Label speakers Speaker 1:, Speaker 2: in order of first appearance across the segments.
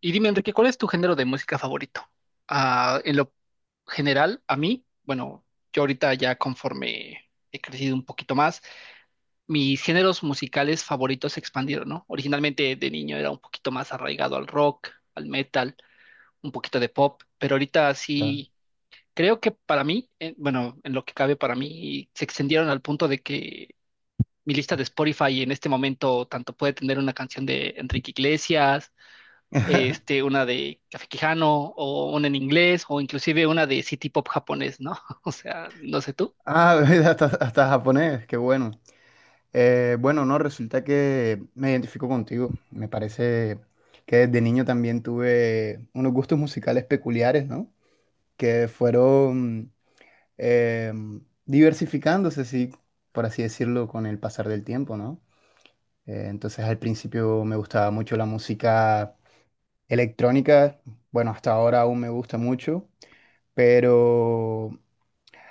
Speaker 1: Y dime, Enrique, ¿cuál es tu género de música favorito? Ah, en lo general, a mí, bueno, yo ahorita ya conforme he crecido un poquito más, mis géneros musicales favoritos se expandieron, ¿no? Originalmente de niño era un poquito más arraigado al rock, al metal, un poquito de pop, pero ahorita
Speaker 2: Claro.
Speaker 1: sí, creo que para mí, bueno, en lo que cabe para mí, se extendieron al punto de que mi lista de Spotify en este momento tanto puede tener una canción de Enrique Iglesias, una de Café Quijano, o una en inglés, o inclusive una de City Pop japonés, ¿no? O sea, no sé tú.
Speaker 2: Ah, mira, hasta japonés, qué bueno. Bueno, no, resulta que me identifico contigo. Me parece que desde niño también tuve unos gustos musicales peculiares, ¿no? Que fueron eh, diversificándose, sí, por así decirlo, con el pasar del tiempo, ¿no? Entonces al principio me gustaba mucho la música electrónica, bueno, hasta ahora aún me gusta mucho, pero.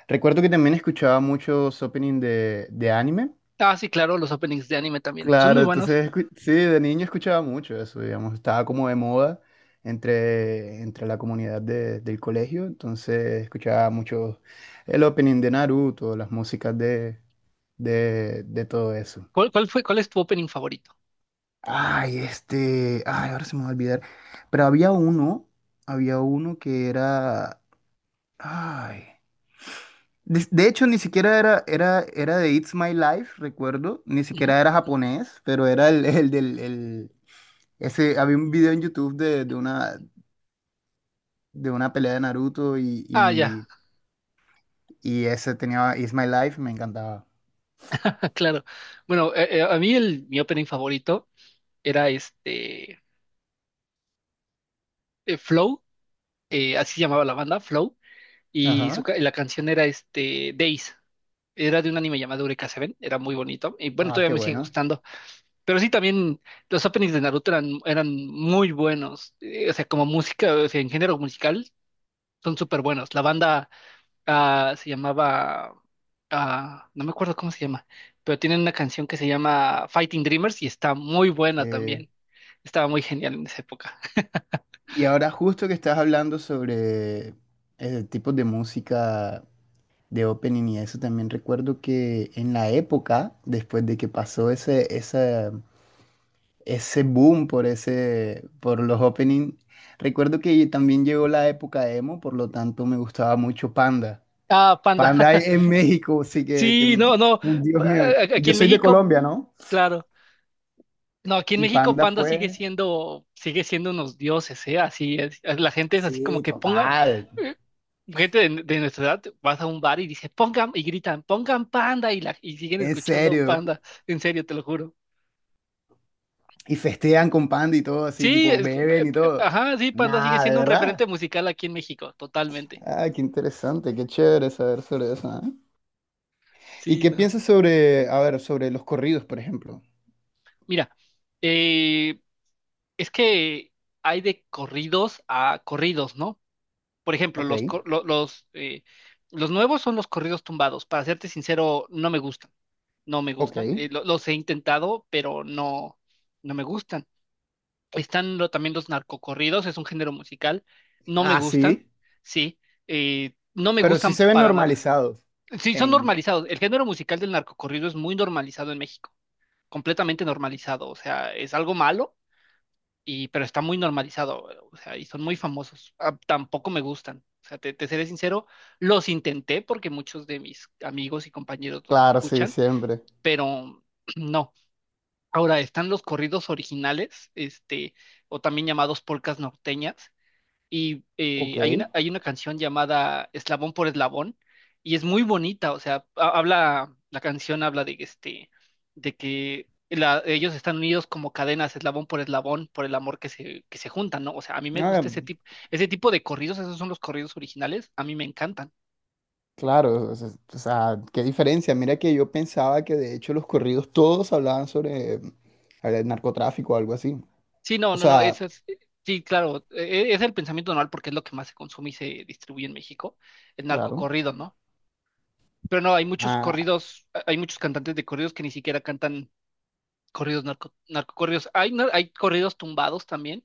Speaker 2: Recuerdo que también escuchaba muchos opening de anime.
Speaker 1: Ah, sí, claro, los openings de anime también. Son muy
Speaker 2: Claro,
Speaker 1: buenos.
Speaker 2: entonces sí, de niño escuchaba mucho eso, digamos, estaba como de moda entre la comunidad del colegio, entonces escuchaba mucho el opening de Naruto, las músicas de todo eso.
Speaker 1: ¿Cuál es tu opening favorito?
Speaker 2: Ay, ay, ahora se me va a olvidar, pero había uno que era, ay. De hecho, ni siquiera era de It's My Life, recuerdo, ni
Speaker 1: Ujú.
Speaker 2: siquiera era japonés, pero era el, ese, había un video en YouTube de una pelea de Naruto y,
Speaker 1: Ah, ya,
Speaker 2: y, y ese tenía It's My Life, me encantaba.
Speaker 1: claro. Bueno, a mí mi opening favorito era Flow, así llamaba la banda, Flow, y
Speaker 2: Ajá.
Speaker 1: la canción era Days. Era de un anime llamado Eureka Seven, era muy bonito. Y bueno,
Speaker 2: Ah,
Speaker 1: todavía
Speaker 2: qué
Speaker 1: me sigue
Speaker 2: bueno.
Speaker 1: gustando. Pero sí, también los openings de Naruto eran muy buenos. O sea, como música, o sea, en género musical, son súper buenos. La banda se llamaba, no me acuerdo cómo se llama, pero tienen una canción que se llama Fighting Dreamers y está muy buena
Speaker 2: Eh,
Speaker 1: también. Estaba muy genial en esa época.
Speaker 2: y ahora justo que estás hablando sobre tipos de música de opening y eso, también recuerdo que en la época, después de que pasó ese boom por los openings. Recuerdo que también llegó la época emo, por lo tanto me gustaba mucho Panda.
Speaker 1: Ah, Panda.
Speaker 2: Panda en México, sí que,
Speaker 1: Sí, no, no.
Speaker 2: Dios mío, y
Speaker 1: Aquí
Speaker 2: yo
Speaker 1: en
Speaker 2: soy de
Speaker 1: México,
Speaker 2: Colombia, ¿no?
Speaker 1: claro. No, aquí en
Speaker 2: Y
Speaker 1: México
Speaker 2: Panda
Speaker 1: Panda sigue
Speaker 2: fue,
Speaker 1: siendo, sigue siendo unos dioses, ¿eh? Así es. La gente es así como
Speaker 2: sí,
Speaker 1: que ponga.
Speaker 2: total,
Speaker 1: eh, Gente de nuestra edad, vas a un bar y dices, pongan, y gritan, pongan Panda, y siguen
Speaker 2: en
Speaker 1: escuchando
Speaker 2: serio.
Speaker 1: Panda, en serio, te lo juro.
Speaker 2: Y festean con Panda y todo, así,
Speaker 1: Sí,
Speaker 2: tipo,
Speaker 1: es que,
Speaker 2: beben y todo.
Speaker 1: ajá, sí, Panda sigue
Speaker 2: Nada, de
Speaker 1: siendo un referente
Speaker 2: verdad.
Speaker 1: musical aquí en México, totalmente.
Speaker 2: Ah, qué interesante, qué chévere saber sobre eso, ¿eh? ¿Y
Speaker 1: Sí,
Speaker 2: qué
Speaker 1: no.
Speaker 2: piensas sobre, a ver, sobre los corridos, por ejemplo?
Speaker 1: Mira, eh, es que hay de corridos a corridos, ¿no? Por ejemplo,
Speaker 2: Ok,
Speaker 1: los nuevos son los corridos tumbados. Para serte sincero, no me gustan, no me
Speaker 2: ok.
Speaker 1: gustan. Los he intentado, pero no, no me gustan. Están también los narcocorridos, es un género musical. No me
Speaker 2: Ah,
Speaker 1: gustan,
Speaker 2: sí.
Speaker 1: sí. No me
Speaker 2: Pero sí
Speaker 1: gustan
Speaker 2: se ven
Speaker 1: para nada.
Speaker 2: normalizados
Speaker 1: Sí, son
Speaker 2: en.
Speaker 1: normalizados. El género musical del narcocorrido es muy normalizado en México, completamente normalizado. O sea, es algo malo, pero está muy normalizado. O sea, y son muy famosos. Ah, tampoco me gustan. O sea, te seré sincero, los intenté porque muchos de mis amigos y compañeros los
Speaker 2: Claro, sí,
Speaker 1: escuchan,
Speaker 2: siempre.
Speaker 1: pero no. Ahora están los corridos originales, o también llamados polcas norteñas, y
Speaker 2: Ok.
Speaker 1: hay una canción llamada Eslabón por Eslabón, y es muy bonita, o sea, la canción habla de de que ellos están unidos como cadenas, eslabón por eslabón, por el amor que se juntan, ¿no? O sea, a mí me
Speaker 2: Ah,
Speaker 1: gusta ese tipo de corridos, esos son los corridos originales, a mí me encantan.
Speaker 2: claro, o sea, qué diferencia. Mira que yo pensaba que de hecho los corridos todos hablaban sobre el narcotráfico o algo así.
Speaker 1: Sí, no,
Speaker 2: O
Speaker 1: no, no,
Speaker 2: sea,
Speaker 1: eso es, sí, claro, es el pensamiento normal porque es lo que más se consume y se distribuye en México, el
Speaker 2: claro.
Speaker 1: narcocorrido, ¿no? Pero no, hay muchos
Speaker 2: ah,
Speaker 1: corridos, hay muchos cantantes de corridos que ni siquiera cantan corridos narcocorridos. Hay corridos tumbados también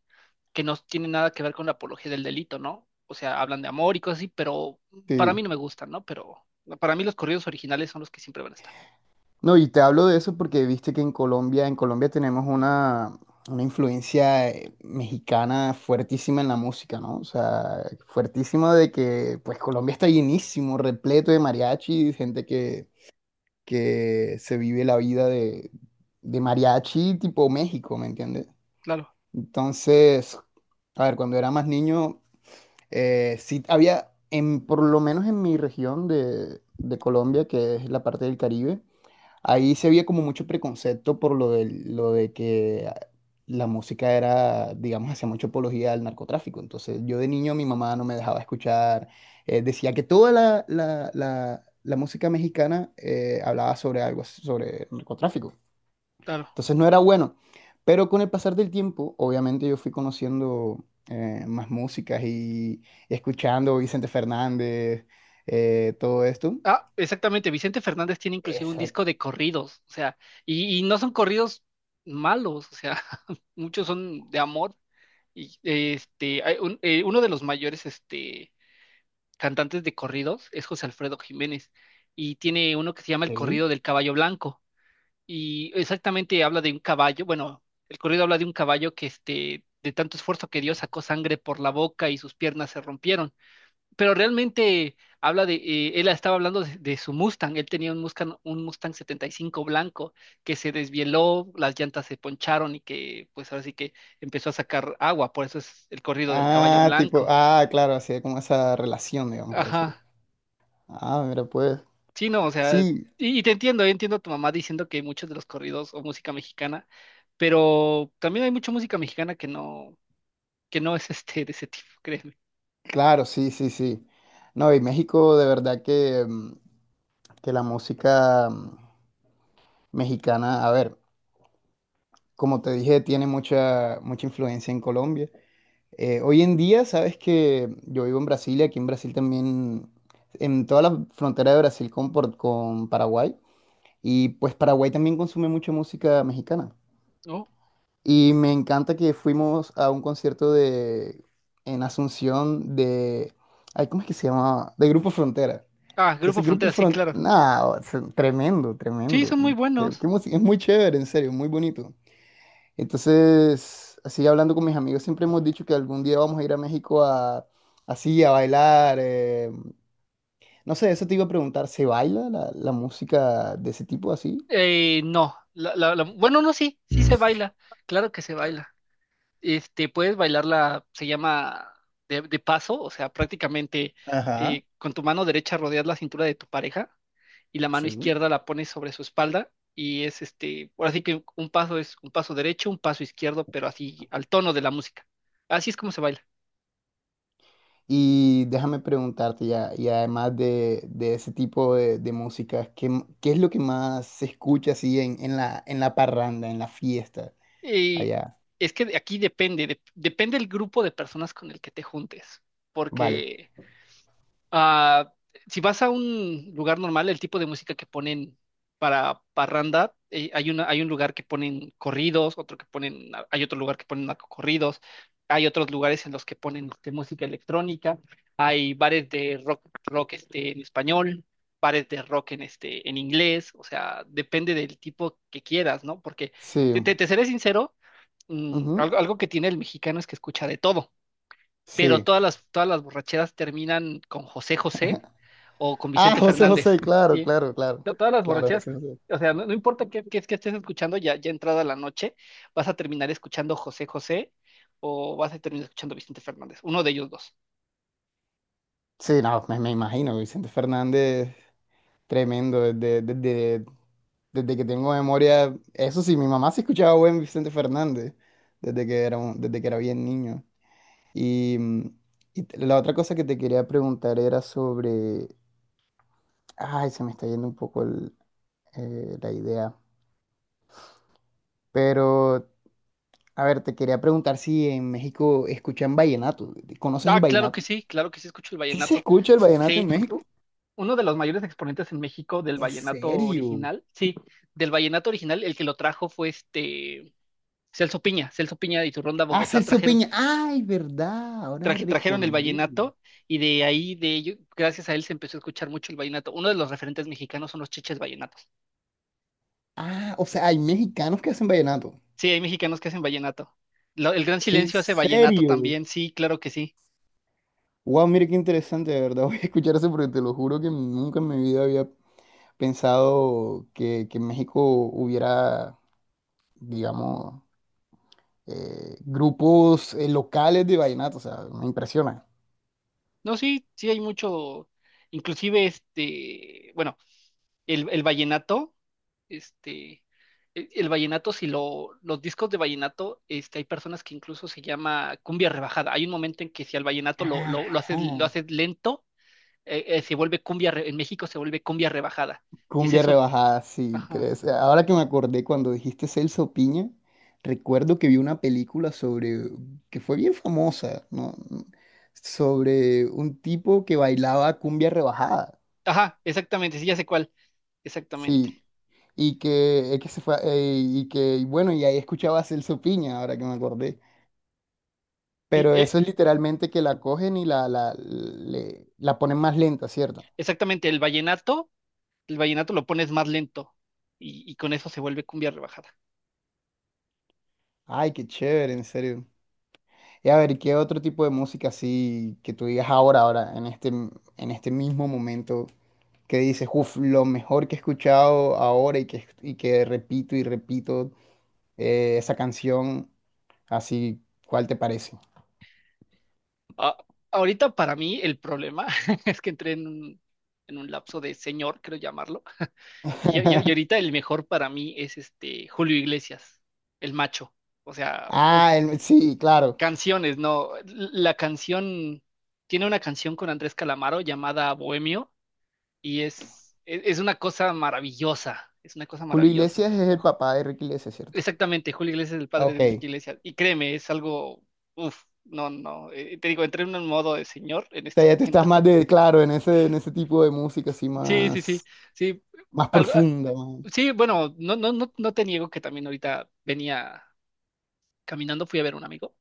Speaker 1: que no tienen nada que ver con la apología del delito, ¿no? O sea, hablan de amor y cosas así, pero para
Speaker 2: sí.
Speaker 1: mí no me gustan, ¿no? Pero para mí los corridos originales son los que siempre van a estar.
Speaker 2: No, y te hablo de eso porque viste que en Colombia, tenemos una influencia mexicana fuertísima en la música, ¿no? O sea, fuertísima de que pues Colombia está llenísimo, repleto de mariachi, gente que se vive la vida de mariachi tipo México, ¿me entiendes?
Speaker 1: Claro,
Speaker 2: Entonces, a ver, cuando era más niño, sí había, por lo menos en mi región de Colombia, que es la parte del Caribe. Ahí se veía como mucho preconcepto por lo de que la música era, digamos, hacía mucha apología al narcotráfico. Entonces, yo de niño mi mamá no me dejaba escuchar. Decía que toda la música mexicana hablaba sobre algo, sobre narcotráfico.
Speaker 1: claro.
Speaker 2: Entonces, no era bueno. Pero con el pasar del tiempo, obviamente yo fui conociendo más músicas y escuchando Vicente Fernández, todo esto.
Speaker 1: Ah, exactamente. Vicente Fernández tiene inclusive un
Speaker 2: Exacto.
Speaker 1: disco de corridos, o sea, y no son corridos malos, o sea, muchos son de amor. Y uno de los mayores cantantes de corridos es José Alfredo Jiménez, y tiene uno que se llama El Corrido del Caballo Blanco, y exactamente habla de un caballo, bueno, el corrido habla de un caballo que de tanto esfuerzo que dio sacó sangre por la boca y sus piernas se rompieron pero realmente habla él estaba hablando de su Mustang, él tenía un Mustang 75 blanco que se desvieló, las llantas se poncharon y que pues ahora sí que empezó a sacar agua, por eso es el corrido del caballo
Speaker 2: Ah, tipo,
Speaker 1: blanco.
Speaker 2: ah, claro, así como esa relación, digamos, por así
Speaker 1: Ajá,
Speaker 2: decirlo. Ah, mira, pues.
Speaker 1: sí, no, o sea,
Speaker 2: Sí,
Speaker 1: y te entiendo, yo entiendo a tu mamá diciendo que muchos de los corridos o música mexicana, pero también hay mucha música mexicana que no es de ese tipo, créeme,
Speaker 2: claro, sí, sí, sí. No, y México, de verdad que la música mexicana, a ver, como te dije, tiene mucha, mucha influencia en Colombia. Hoy en día, sabes que yo vivo en Brasil y aquí en Brasil también, en toda la frontera de Brasil con Paraguay, y pues Paraguay también consume mucha música mexicana.
Speaker 1: ¿no?
Speaker 2: Y me encanta que fuimos a un concierto de en Asunción de ay, ¿cómo es que se llamaba? De Grupo Frontera.
Speaker 1: Ah, Grupo
Speaker 2: Entonces, Grupo
Speaker 1: Frontera, sí,
Speaker 2: Frontera,
Speaker 1: claro.
Speaker 2: nada, tremendo,
Speaker 1: Sí,
Speaker 2: tremendo.
Speaker 1: son muy
Speaker 2: Qué-
Speaker 1: buenos.
Speaker 2: qué música- es muy chévere, en serio, muy bonito. Entonces, así hablando con mis amigos, siempre hemos dicho que algún día vamos a ir a México a así a bailar. No sé, eso te iba a preguntar, ¿se baila la música de ese tipo así?
Speaker 1: No, bueno, no, sí, sí se baila, claro que se baila. Puedes bailarla, se llama de paso, o sea, prácticamente
Speaker 2: Ajá.
Speaker 1: con tu mano derecha rodeas la cintura de tu pareja y la mano
Speaker 2: Sí.
Speaker 1: izquierda la pones sobre su espalda y es ahora sí que un paso es un paso derecho, un paso izquierdo, pero así al tono de la música. Así es como se baila.
Speaker 2: Y déjame preguntarte ya, y además de ese tipo de música, ¿qué es lo que más se escucha así en la parranda, en la fiesta
Speaker 1: Y
Speaker 2: allá?
Speaker 1: es que aquí depende, depende el grupo de personas con el que te juntes,
Speaker 2: Vale,
Speaker 1: porque ah, si vas a un lugar normal, el tipo de música que ponen para parranda, hay un lugar que ponen corridos, hay otro lugar que ponen narcocorridos, hay otros lugares en los que ponen música electrónica, hay bares de rock, rock en español, bares de rock en inglés, o sea, depende del tipo que quieras, ¿no? Porque
Speaker 2: sí,
Speaker 1: te seré sincero,
Speaker 2: ujú,
Speaker 1: algo que tiene el mexicano es que escucha de todo pero
Speaker 2: sí.
Speaker 1: todas las borracheras terminan con José José o con
Speaker 2: Ah,
Speaker 1: Vicente
Speaker 2: José
Speaker 1: Fernández.
Speaker 2: José, claro,
Speaker 1: Sí,
Speaker 2: claro, claro,
Speaker 1: Todas las
Speaker 2: claro,
Speaker 1: borracheras,
Speaker 2: José José.
Speaker 1: o sea, no, no importa qué es que estés escuchando, ya entrada la noche, vas a terminar escuchando José José o vas a terminar escuchando Vicente Fernández, uno de ellos dos.
Speaker 2: Sí, no, me imagino, Vicente Fernández, tremendo, desde que tengo memoria, eso sí, mi mamá se escuchaba buen Vicente Fernández, desde que era bien niño. Y, mm, y la otra cosa que te quería preguntar era sobre. Ay, se me está yendo un poco la idea. Pero, a ver, te quería preguntar si en México escuchan vallenato. ¿Conoces el
Speaker 1: Ah,
Speaker 2: vallenato?
Speaker 1: claro que sí, escucho el
Speaker 2: ¿Sí se
Speaker 1: vallenato.
Speaker 2: escucha el vallenato
Speaker 1: Sí,
Speaker 2: en México?
Speaker 1: uno de los mayores exponentes en México del
Speaker 2: ¿En
Speaker 1: vallenato
Speaker 2: serio?
Speaker 1: original, sí, del vallenato original, el que lo trajo fue Celso Piña, Celso Piña y su Ronda
Speaker 2: Ah,
Speaker 1: Bogotá
Speaker 2: Celso Peña. Ay, verdad. Ahora me
Speaker 1: trajeron el
Speaker 2: recordé.
Speaker 1: vallenato y de ello, gracias a él se empezó a escuchar mucho el vallenato. Uno de los referentes mexicanos son los chiches vallenatos.
Speaker 2: Ah, o sea, hay mexicanos que hacen vallenato.
Speaker 1: Sí, hay mexicanos que hacen vallenato. El Gran
Speaker 2: ¿En
Speaker 1: Silencio hace vallenato
Speaker 2: serio?
Speaker 1: también, sí, claro que sí.
Speaker 2: Wow, mira qué interesante, de verdad. Voy a escuchar eso porque te lo juro que nunca en mi vida había pensado que en México hubiera, digamos, grupos locales de vallenato, o sea, me impresiona.
Speaker 1: No, sí, sí hay mucho, inclusive bueno, el vallenato, este, el vallenato, si los discos de vallenato, hay personas que incluso se llama cumbia rebajada. Hay un momento en que si al vallenato lo
Speaker 2: Ajá.
Speaker 1: haces lento, se vuelve cumbia, en México se vuelve cumbia rebajada. Y es
Speaker 2: Cumbia
Speaker 1: eso,
Speaker 2: rebajada, sí.
Speaker 1: ajá,
Speaker 2: Ahora que me acordé cuando dijiste Celso Piña, recuerdo que vi una película sobre, que fue bien famosa, ¿no? Sobre un tipo que bailaba cumbia rebajada,
Speaker 1: ajá, exactamente, sí, ya sé cuál, exactamente.
Speaker 2: sí. Y que se fue, y que, y bueno, y ahí escuchaba a Celso Piña, ahora que me acordé.
Speaker 1: Sí,
Speaker 2: Pero eso es literalmente que la cogen y la ponen más lenta, ¿cierto?
Speaker 1: exactamente, el vallenato, lo pones más lento y con eso se vuelve cumbia rebajada.
Speaker 2: Ay, qué chévere, en serio. Y a ver, ¿qué otro tipo de música así que tú digas ahora, en este mismo momento, que dices, uff, lo mejor que he escuchado ahora y que repito y repito esa canción, así, ¿cuál te parece?
Speaker 1: Ah, ahorita para mí el problema es que entré en en un lapso de señor, creo llamarlo, y ahorita el mejor para mí es Julio Iglesias, el macho. O sea, uff,
Speaker 2: Ah, sí, claro.
Speaker 1: Canciones, no. La canción, tiene una canción con Andrés Calamaro llamada Bohemio y es una cosa maravillosa, es una cosa
Speaker 2: Julio
Speaker 1: maravillosa.
Speaker 2: Iglesias es el papá de Ricky Iglesias, ¿cierto?
Speaker 1: Exactamente, Julio Iglesias es el padre de
Speaker 2: Ok.
Speaker 1: Enrique Iglesias y créeme, es algo, uff no, no, te digo, entré en un modo de señor en este
Speaker 2: Sea, ya te estás
Speaker 1: momento.
Speaker 2: más de, claro, en ese tipo de música así
Speaker 1: Sí, sí, sí,
Speaker 2: más,
Speaker 1: sí,
Speaker 2: más
Speaker 1: algo,
Speaker 2: profunda, más.
Speaker 1: sí, bueno, no, no, no, no te niego que también ahorita venía caminando, fui a ver a un amigo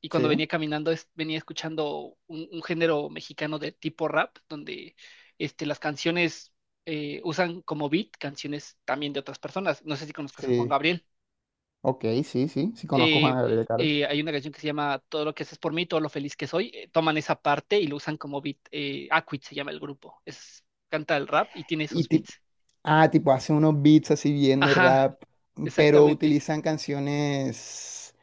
Speaker 1: y cuando
Speaker 2: Sí,
Speaker 1: venía caminando venía escuchando un género mexicano de tipo rap, donde las canciones usan como beat canciones también de otras personas. No sé si conozcas a Juan
Speaker 2: sí.
Speaker 1: Gabriel.
Speaker 2: Ok, sí, sí, sí conozco a Juan
Speaker 1: Eh,
Speaker 2: Gabriel, claro.
Speaker 1: Hay una canción que se llama Todo lo que haces por mí, todo lo feliz que soy. Toman esa parte y lo usan como beat. Acquit se llama el grupo. Canta el rap y tiene
Speaker 2: Y
Speaker 1: esos
Speaker 2: tipo,
Speaker 1: beats.
Speaker 2: ah, tipo, hace unos beats así bien de
Speaker 1: Ajá,
Speaker 2: rap, pero
Speaker 1: exactamente.
Speaker 2: utilizan canciones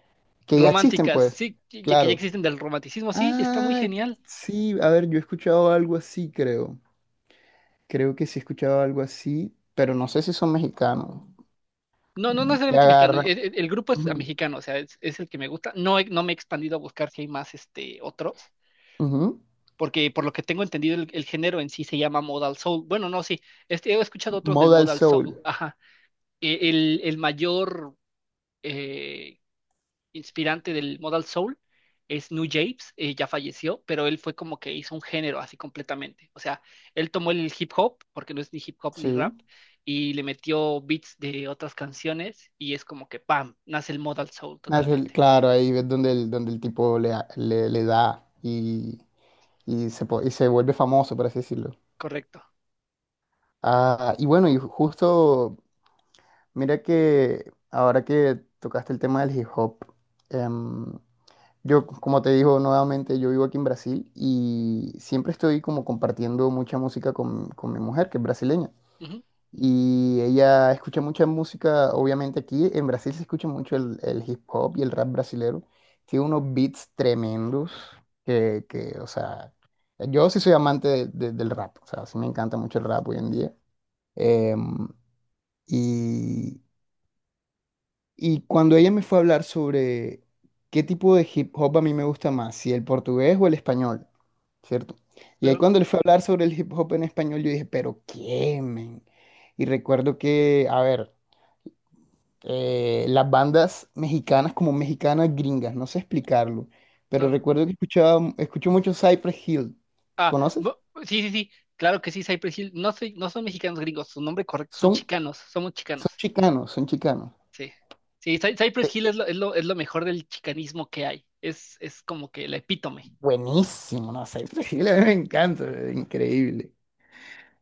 Speaker 2: que ya existen,
Speaker 1: Románticas,
Speaker 2: pues,
Speaker 1: sí, que ya
Speaker 2: claro.
Speaker 1: existen del romanticismo, sí, y está muy
Speaker 2: Ah,
Speaker 1: genial.
Speaker 2: sí, a ver, yo he escuchado algo así, creo. Creo que sí he escuchado algo así, pero no sé si son mexicanos.
Speaker 1: No, no
Speaker 2: Que
Speaker 1: necesariamente mexicano.
Speaker 2: agarran.
Speaker 1: El grupo es
Speaker 2: Ujú,
Speaker 1: mexicano, o sea, es el que me gusta. No, no me he expandido a buscar si hay más otros,
Speaker 2: ujú,
Speaker 1: porque por lo que tengo entendido, el género en sí se llama Modal Soul. Bueno, no, sí, he escuchado otros del
Speaker 2: Modal
Speaker 1: Modal
Speaker 2: Soul,
Speaker 1: Soul. Ajá. El mayor eh, inspirante del Modal Soul es New Japes, ya falleció, pero él fue como que hizo un género así completamente. O sea, él tomó el hip hop, porque no es ni hip hop ni
Speaker 2: sí.
Speaker 1: rap, y le metió beats de otras canciones y es como que, ¡pam!, nace el Modal Soul
Speaker 2: Nace
Speaker 1: totalmente.
Speaker 2: claro, ahí ves donde donde el tipo le da y se vuelve famoso, por así decirlo.
Speaker 1: Correcto.
Speaker 2: Ah, y bueno, y justo, mira que ahora que tocaste el tema del hip hop, em, yo, como te digo nuevamente, yo vivo aquí en Brasil y siempre estoy como compartiendo mucha música con mi mujer, que es brasileña.
Speaker 1: Ujú,
Speaker 2: Y ella escucha mucha música, obviamente aquí en Brasil se escucha mucho el hip hop y el rap brasilero. Tiene unos beats tremendos que, o sea, yo sí soy amante del rap, o sea, sí me encanta mucho el rap hoy en día. Em, y, y cuando ella me fue a hablar sobre qué tipo de hip hop a mí me gusta más, si el portugués o el español, ¿cierto? Y ahí
Speaker 1: claro,
Speaker 2: cuando le fue a hablar sobre el hip hop en español, yo dije, pero qué, men. Y recuerdo que, a ver, las bandas mexicanas como mexicanas gringas, no sé explicarlo, pero
Speaker 1: claro.
Speaker 2: recuerdo que escuchaba, escucho mucho Cypress Hill,
Speaker 1: Ah,
Speaker 2: ¿conoces?
Speaker 1: sí, sí, sí, claro que sí, Cypress Hill. No son mexicanos gringos, su nombre correcto son
Speaker 2: Son,
Speaker 1: chicanos, somos
Speaker 2: son
Speaker 1: chicanos.
Speaker 2: chicanos, son chicanos.
Speaker 1: Sí. Sí,
Speaker 2: Eh,
Speaker 1: Cypress Hill es lo mejor del chicanismo que hay. Es como que el epítome.
Speaker 2: Buenísimo, ¿no? Cypress Hill a mí me encanta, increíble.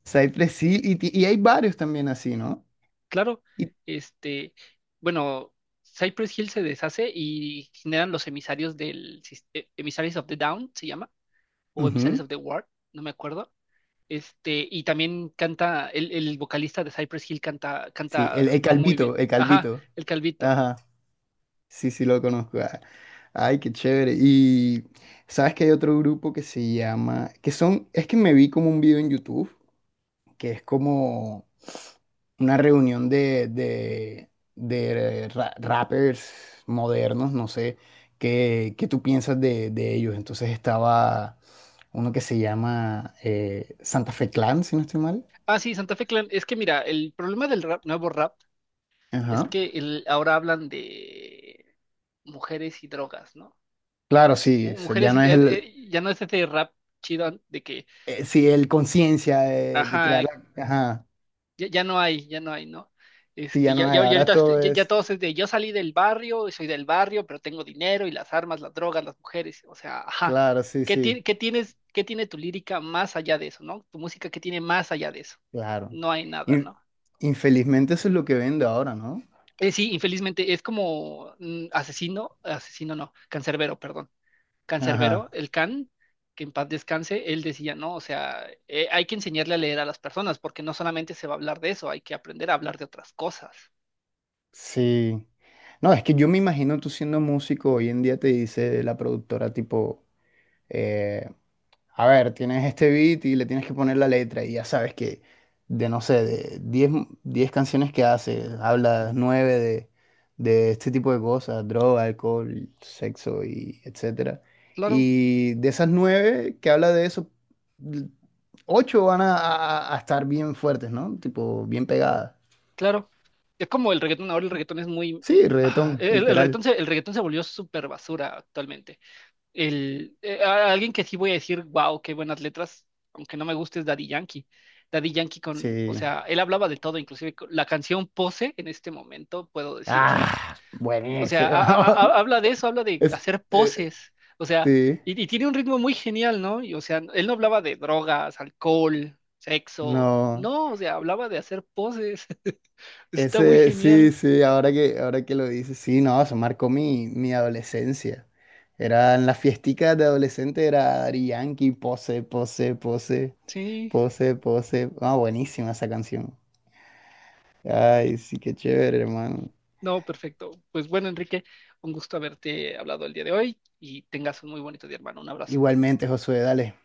Speaker 2: Cypress Hill, y hay varios también así, ¿no?
Speaker 1: Claro,
Speaker 2: Y,
Speaker 1: este, bueno, Cypress Hill se deshace y generan los emisarios Emissaries of the Down, se llama, o Emissaries
Speaker 2: ujú,
Speaker 1: of the Ward, no me acuerdo. Y también el vocalista de Cypress Hill canta,
Speaker 2: sí, el,
Speaker 1: canta
Speaker 2: el
Speaker 1: muy
Speaker 2: Calvito,
Speaker 1: bien.
Speaker 2: el
Speaker 1: Ajá,
Speaker 2: Calvito.
Speaker 1: el calvito.
Speaker 2: Ajá, sí, sí, lo conozco. Ah, ay, qué chévere. Y sabes que hay otro grupo que se llama, que son, es que me vi como un video en YouTube que es como una reunión de rappers modernos, no sé, qué tú piensas de ellos. Entonces estaba uno que se llama Santa Fe Clan, si no estoy mal.
Speaker 1: Ah, sí, Santa Fe Clan. Es que mira, el problema del nuevo rap es
Speaker 2: Ajá.
Speaker 1: que ahora hablan de mujeres y drogas, ¿no? O
Speaker 2: Claro,
Speaker 1: sea, es
Speaker 2: sí, o sea, ya
Speaker 1: mujeres
Speaker 2: no
Speaker 1: y
Speaker 2: es el,
Speaker 1: ya no es ese rap chido de que...
Speaker 2: sí, el conciencia de
Speaker 1: Ajá,
Speaker 2: crear la. Ajá,
Speaker 1: Ya no hay, ya no hay, ¿no?
Speaker 2: sí, ya no hay, ahora
Speaker 1: Ahorita
Speaker 2: todo
Speaker 1: ya
Speaker 2: es.
Speaker 1: todos es de yo salí del barrio y soy del barrio, pero tengo dinero y las armas, las drogas, las mujeres. O sea, ajá.
Speaker 2: Claro, sí,
Speaker 1: ¿Qué,
Speaker 2: sí,
Speaker 1: ti- qué tienes, qué tiene tu lírica más allá de eso, ¿no? Tu música, ¿qué tiene más allá de eso?
Speaker 2: claro.
Speaker 1: No hay nada,
Speaker 2: In-
Speaker 1: ¿no?
Speaker 2: Infelizmente eso es lo que vende ahora, ¿no?
Speaker 1: Sí, infelizmente es como asesino, asesino no, cancerbero, perdón.
Speaker 2: Ajá.
Speaker 1: Cancerbero, el can, que en paz descanse, él decía, ¿no? O sea, hay que enseñarle a leer a las personas, porque no solamente se va a hablar de eso, hay que aprender a hablar de otras cosas.
Speaker 2: Sí. No, es que yo me imagino tú siendo músico, hoy en día te dice la productora tipo, eh, a ver, tienes este beat y le tienes que poner la letra y ya sabes que de, no sé, de 10 canciones que hace, habla 9 de este tipo de cosas, droga, alcohol, sexo y etcétera.
Speaker 1: Claro.
Speaker 2: Y de esas 9 que habla de eso, l- 8 van a estar bien fuertes, ¿no? Tipo, bien pegadas.
Speaker 1: Claro, es como el reggaetón, ahora el reggaetón es muy...
Speaker 2: Sí,
Speaker 1: ah,
Speaker 2: reggaetón,
Speaker 1: e-, el, el reggaetón
Speaker 2: literal.
Speaker 1: se volvió súper basura actualmente. Alguien que sí voy a decir, wow, qué buenas letras, aunque no me guste, es Daddy Yankee. Daddy Yankee o
Speaker 2: Sí.
Speaker 1: sea, él hablaba de todo, inclusive con la canción Pose en este momento, puedo decir,
Speaker 2: Ah,
Speaker 1: o sea,
Speaker 2: buenísimo.
Speaker 1: habla de eso, habla de
Speaker 2: Es,
Speaker 1: hacer
Speaker 2: eh,
Speaker 1: poses, o sea,
Speaker 2: sí,
Speaker 1: y tiene un ritmo muy genial, ¿no? Y, o sea, él no hablaba de drogas, alcohol, sexo,
Speaker 2: no.
Speaker 1: no, o sea, hablaba de hacer poses. Está muy
Speaker 2: Ese, sí,
Speaker 1: genial.
Speaker 2: sí, ahora que lo dices, sí, no, eso marcó mi adolescencia. Eran las fiesticas de adolescente, era Daddy Yankee, pose, pose, pose,
Speaker 1: Sí,
Speaker 2: pose, pose. Ah, buenísima esa canción. Ay, sí, qué chévere, hermano.
Speaker 1: no, perfecto. Pues bueno, Enrique, un gusto haberte hablado el día de hoy y tengas un muy bonito día, hermano. Un abrazo.
Speaker 2: Igualmente, Josué, dale.